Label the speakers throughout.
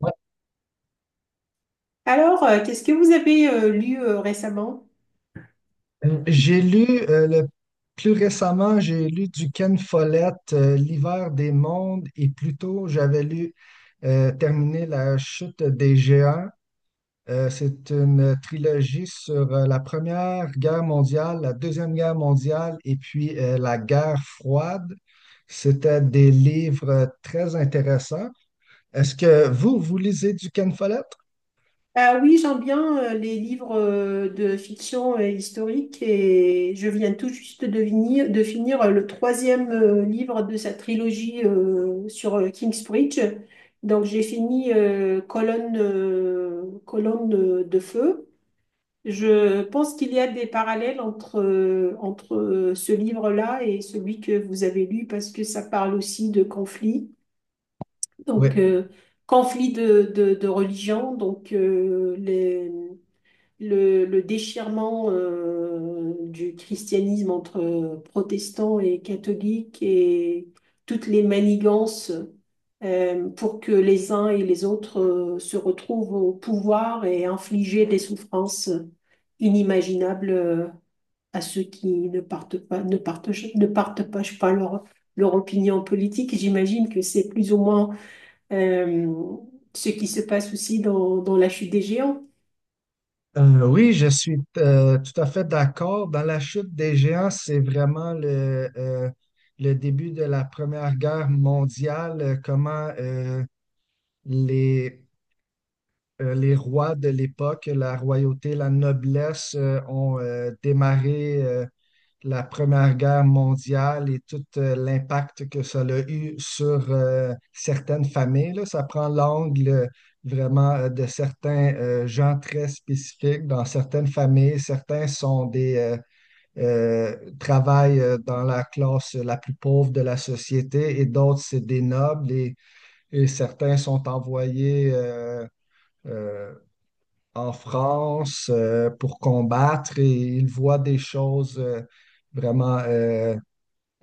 Speaker 1: Ouais.
Speaker 2: Qu'est-ce que vous avez lu récemment?
Speaker 1: J'ai lu plus récemment, j'ai lu du Ken Follett, L'hiver des mondes, et plus tôt, j'avais lu Terminer la chute des géants. C'est une trilogie sur la Première Guerre mondiale, la Deuxième Guerre mondiale et puis la guerre froide. C'était des livres très intéressants. Est-ce que vous lisez du Ken Follett?
Speaker 2: Ah oui, j'aime bien les livres de fiction historique et je viens tout juste de finir le troisième livre de sa trilogie sur Kingsbridge. Donc j'ai fini Colonne de feu. Je pense qu'il y a des parallèles entre ce livre-là et celui que vous avez lu parce que ça parle aussi de conflits.
Speaker 1: Oui.
Speaker 2: Donc euh, conflits de religion, le déchirement du christianisme entre protestants et catholiques et toutes les manigances pour que les uns et les autres se retrouvent au pouvoir et infliger des souffrances inimaginables à ceux qui ne partent pas, ne partent, ne partagent pas je sais pas leur, leur opinion politique. J'imagine que c'est plus ou moins euh, ce qui se passe aussi dans la chute des géants.
Speaker 1: Oui, je suis tout à fait d'accord. Dans la chute des géants, c'est vraiment le début de la Première Guerre mondiale, comment les, les rois de l'époque, la royauté, la noblesse, ont démarré. La Première Guerre mondiale et tout l'impact que ça a eu sur certaines familles là. Ça prend l'angle vraiment de certains gens très spécifiques dans certaines familles. Certains sont des travaillent dans la classe la plus pauvre de la société et d'autres, c'est des nobles et certains sont envoyés euh, en France pour combattre et ils voient des choses vraiment euh,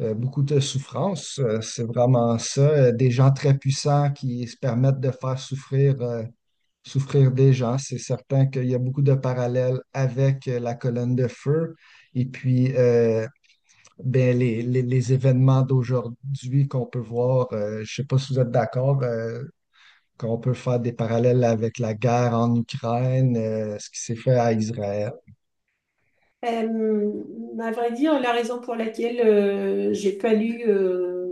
Speaker 1: euh, beaucoup de souffrance. C'est vraiment ça. Des gens très puissants qui se permettent de faire souffrir, souffrir des gens. C'est certain qu'il y a beaucoup de parallèles avec la colonne de feu. Et puis, ben, les événements d'aujourd'hui qu'on peut voir, je ne sais pas si vous êtes d'accord, qu'on peut faire des parallèles avec la guerre en Ukraine, ce qui s'est fait à Israël.
Speaker 2: Euh, à vrai dire, la raison pour laquelle j'ai pas lu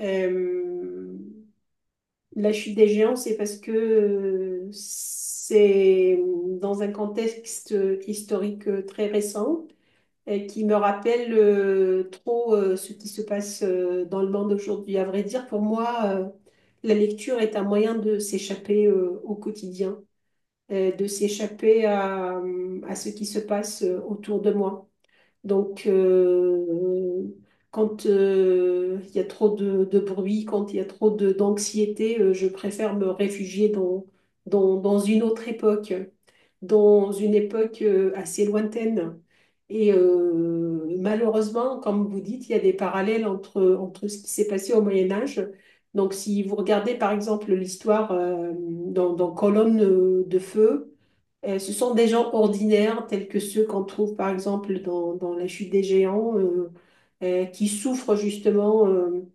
Speaker 2: euh, La chute des géants, c'est parce que c'est dans un contexte historique très récent et qui me rappelle trop ce qui se passe dans le monde aujourd'hui. À vrai dire, pour moi, la lecture est un moyen de s'échapper au quotidien, de s'échapper à ce qui se passe autour de moi. Donc, euh, quand il y a trop de bruit, quand il y a trop d'anxiété, je préfère me réfugier dans une autre époque, dans une époque assez lointaine. Et malheureusement, comme vous dites, il y a des parallèles entre ce qui s'est passé au Moyen Âge. Donc, si vous regardez par exemple l'histoire dans Colonne de feu, ce sont des gens ordinaires, tels que ceux qu'on trouve par exemple dans la chute des géants, qui souffrent justement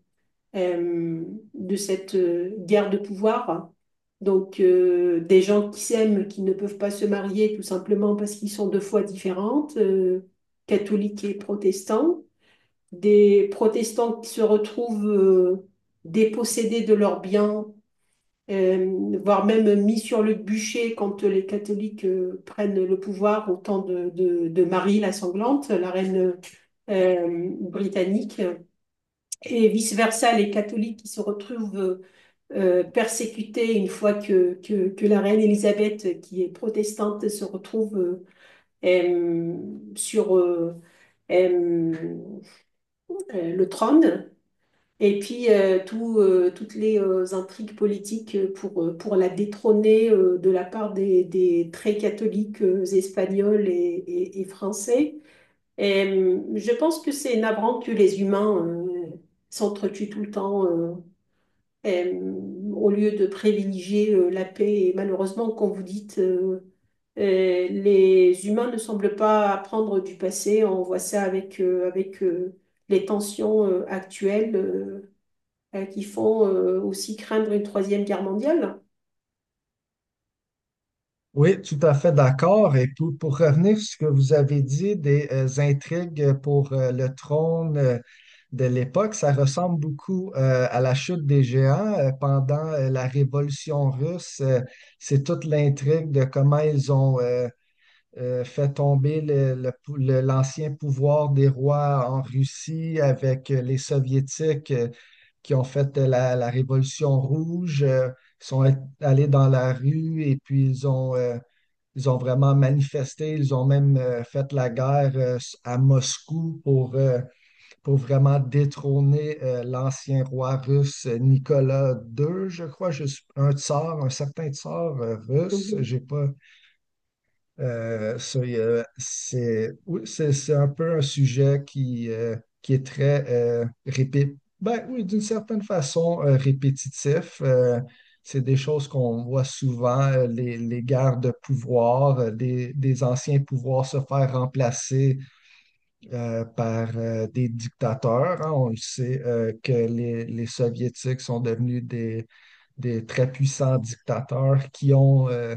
Speaker 2: euh, de cette guerre de pouvoir. Des gens qui s'aiment, qui ne peuvent pas se marier tout simplement parce qu'ils sont de foi différentes, catholiques et protestants. Des protestants qui se retrouvent dépossédés de leurs biens voire même mis sur le bûcher quand les catholiques prennent le pouvoir au temps de Marie la sanglante, la reine britannique, et vice-versa, les catholiques qui se retrouvent persécutés une fois que la reine Élisabeth, qui est protestante, se retrouve euh, sur... euh, le trône. Et puis, toutes les intrigues politiques pour la détrôner de la part des très catholiques espagnols et français. Je pense que c'est navrant que les humains s'entretuent tout le temps et, euh, au lieu de privilégier la paix. Et malheureusement, comme vous dites, les humains ne semblent pas apprendre du passé. On voit ça avec les tensions actuelles, qui font aussi craindre une troisième guerre mondiale.
Speaker 1: Oui, tout à fait d'accord. Et puis, pour revenir sur ce que vous avez dit des intrigues pour le trône de l'époque, ça ressemble beaucoup à la chute des géants pendant la Révolution russe. C'est toute l'intrigue de comment ils ont fait tomber l'ancien pouvoir des rois en Russie avec les Soviétiques qui ont fait la Révolution rouge. Ils sont allés dans la rue et puis ils ont vraiment manifesté, ils ont même fait la guerre à Moscou pour vraiment détrôner l'ancien roi russe Nicolas II, je crois, un tsar, un certain tsar russe.
Speaker 2: Mhm.
Speaker 1: J'ai pas, ça, il y a- c'est oui, c'est un peu un sujet qui est très ben, oui, d'une certaine façon répétitif. C'est des choses qu'on voit souvent, les guerres de pouvoir, des anciens pouvoirs se faire remplacer par des dictateurs, hein. On le sait que les Soviétiques sont devenus des très puissants dictateurs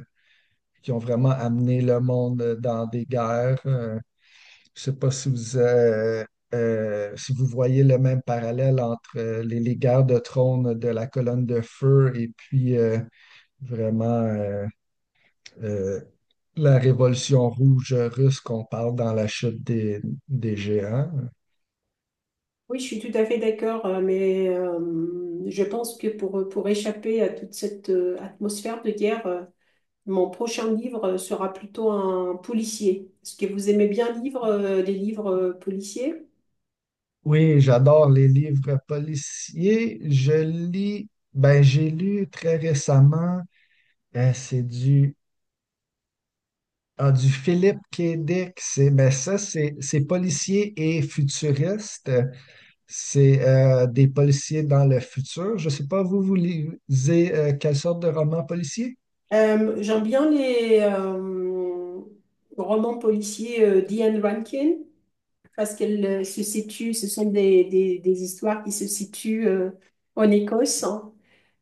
Speaker 1: qui ont vraiment amené le monde dans des guerres. Je sais pas si si vous voyez le même parallèle entre les guerres de trône de la colonne de feu et puis vraiment euh, la révolution rouge russe qu'on parle dans la chute des géants.
Speaker 2: Oui, je suis tout à fait d'accord, mais je pense que pour échapper à toute cette atmosphère de guerre, mon prochain livre sera plutôt un policier. Est-ce que vous aimez bien lire les livres policiers?
Speaker 1: Oui, j'adore les livres policiers. Ben j'ai lu très récemment, c'est du Philippe Kédic, c'est ben ça, c'est policier et futuriste. C'est des policiers dans le futur. Je sais pas, vous lisez quelle sorte de roman policier?
Speaker 2: J'aime bien les romans policiers d'Ian Rankin parce qu'elles se situent, ce sont des histoires qui se situent en Écosse. Hein.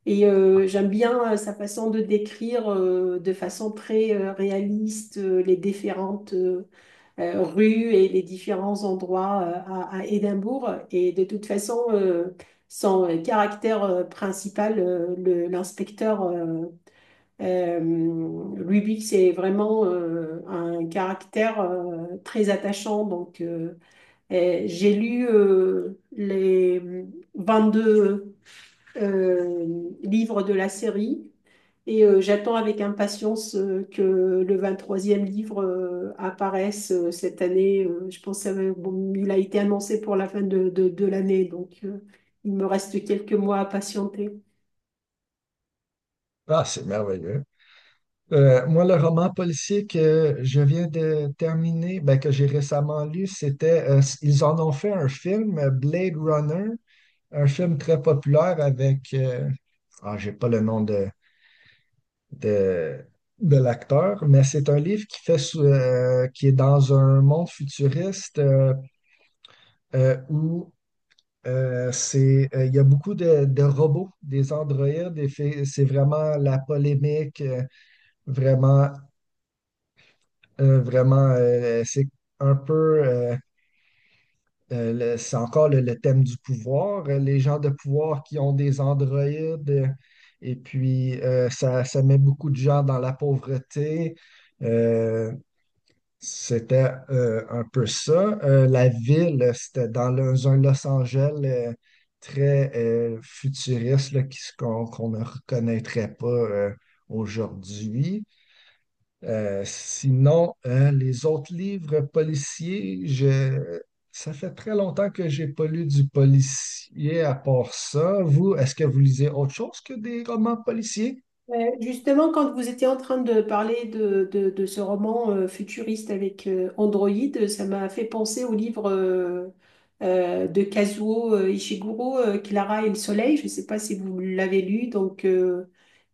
Speaker 2: Et j'aime bien sa façon de décrire de façon très réaliste les différentes rues et les différents endroits à Édimbourg. Et de toute façon, son caractère principal, l'inspecteur euh, Ruby, c'est vraiment un caractère très attachant. Et j'ai lu les 22 livres de la série et j'attends avec impatience que le 23e livre apparaisse cette année. Je pense qu'il a été annoncé pour la fin de l'année. Il me reste quelques mois à patienter.
Speaker 1: Ah, c'est merveilleux. Moi, le roman policier que je viens de terminer, ben, que j'ai récemment lu, c'était, ils en ont fait un film, Blade Runner, un film très populaire avec, ah, j'ai pas le nom de, de, de l'acteur, mais c'est un livre qui est dans un monde futuriste où il y a beaucoup de robots, des androïdes, c'est vraiment la polémique. Vraiment c'est un peu, euh, c'est encore le thème du pouvoir, les gens de pouvoir qui ont des androïdes, et puis ça met beaucoup de gens dans la pauvreté. Euh, C'était un peu ça. La ville, c'était dans un Los Angeles très futuriste là, qu'on ne reconnaîtrait pas aujourd'hui. Sinon, les autres livres policiers, je... ça fait très longtemps que j'ai pas lu du policier à part ça. Vous, est-ce que vous lisez autre chose que des romans policiers?
Speaker 2: Ouais. Justement, quand vous étiez en train de parler de ce roman futuriste avec Android, ça m'a fait penser au livre de Kazuo Ishiguro, Clara et le Soleil. Je ne sais pas si vous l'avez lu,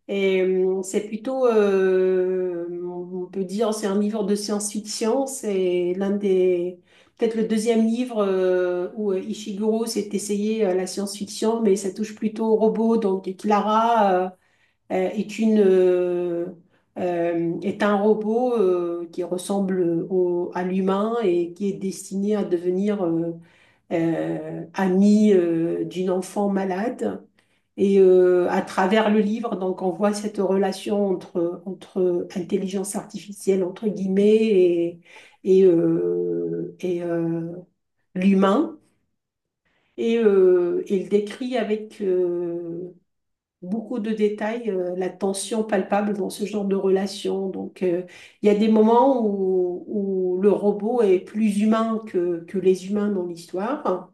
Speaker 2: et c'est plutôt, on peut dire, c'est un livre de science-fiction. C'est l'un des, peut-être le deuxième livre où Ishiguro s'est essayé à la science-fiction, mais ça touche plutôt au robot. Donc, et Clara euh, est une, euh, est un robot qui ressemble au, à l'humain et qui est destiné à devenir ami d'une enfant malade. Et à travers le livre, donc, on voit cette relation entre intelligence artificielle, entre guillemets, et l'humain. Et il décrit avec beaucoup de détails la tension palpable dans ce genre de relation. Il y a des moments où, où le robot est plus humain que les humains dans l'histoire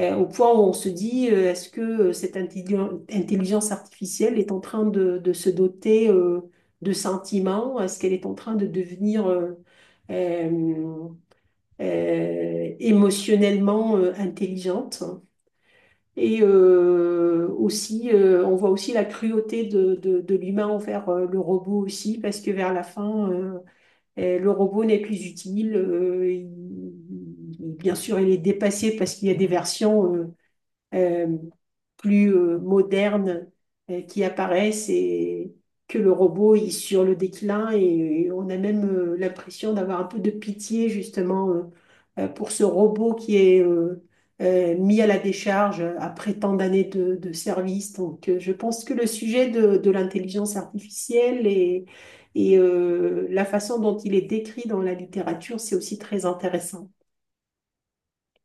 Speaker 2: au point où on se dit, est-ce que cette intelligence artificielle est en train de se doter de sentiments? Est-ce qu'elle est en train de devenir euh, émotionnellement intelligente? On voit aussi la cruauté de l'humain envers le robot aussi, parce que vers la fin, le robot n'est plus utile. Bien sûr, il est dépassé parce qu'il y a des versions... euh, plus modernes qui apparaissent et que le robot est sur le déclin et on a même l'impression d'avoir un peu de pitié justement pour ce robot qui est mis à la décharge après tant d'années de service. Je pense que le sujet de l'intelligence artificielle et la façon dont il est décrit dans la littérature, c'est aussi très intéressant.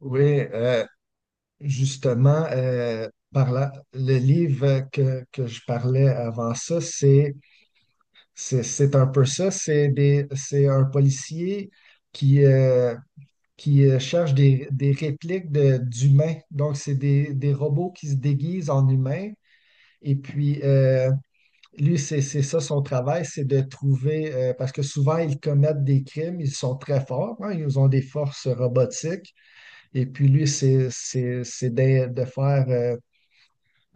Speaker 1: Oui, justement, par là, le livre que je parlais avant ça, c'est un peu ça. C'est un policier qui, euh, qui cherchent des, répliques d'humains. Donc, c'est des robots qui se déguisent en humains. Et puis, lui, c'est ça son travail, c'est de trouver, parce que souvent, ils commettent des crimes, ils sont très forts, hein, ils ont des forces robotiques. Et puis, lui, c'est de faire euh,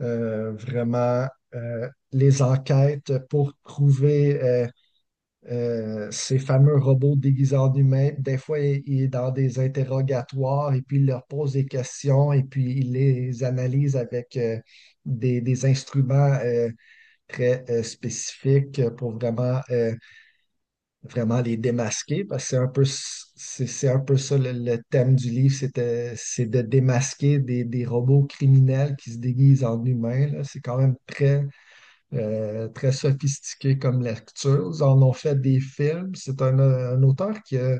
Speaker 1: euh, vraiment les enquêtes pour trouver. Ces fameux robots déguisés en humains, des fois, il est dans des interrogatoires et puis il leur pose des questions et puis il les analyse avec des instruments très spécifiques pour vraiment, vraiment les démasquer parce que c'est un peu, c'est un peu ça le thème du livre, c'est de démasquer des robots criminels qui se déguisent en humains, là. C'est quand même très, très sophistiqué comme lecture. Ils en ont fait des films. C'est un auteur qui a,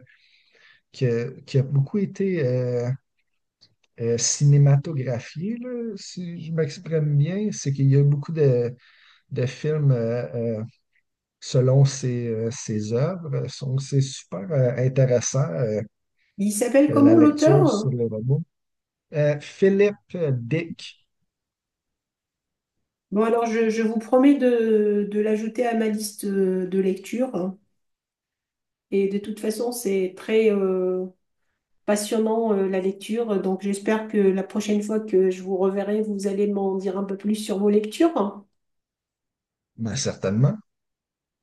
Speaker 1: qui a beaucoup été cinématographié, là, si je m'exprime bien. C'est qu'il y a beaucoup de films selon ses, ses œuvres. Donc, c'est super intéressant,
Speaker 2: Il s'appelle
Speaker 1: la
Speaker 2: comment
Speaker 1: lecture
Speaker 2: l'auteur?
Speaker 1: sur le robot. Philippe Dick,
Speaker 2: Bon, je vous promets de l'ajouter à ma liste de lecture. Hein. Et de toute façon, c'est très passionnant la lecture. Donc j'espère que la prochaine fois que je vous reverrai, vous allez m'en dire un peu plus sur vos lectures.
Speaker 1: ben, certainement.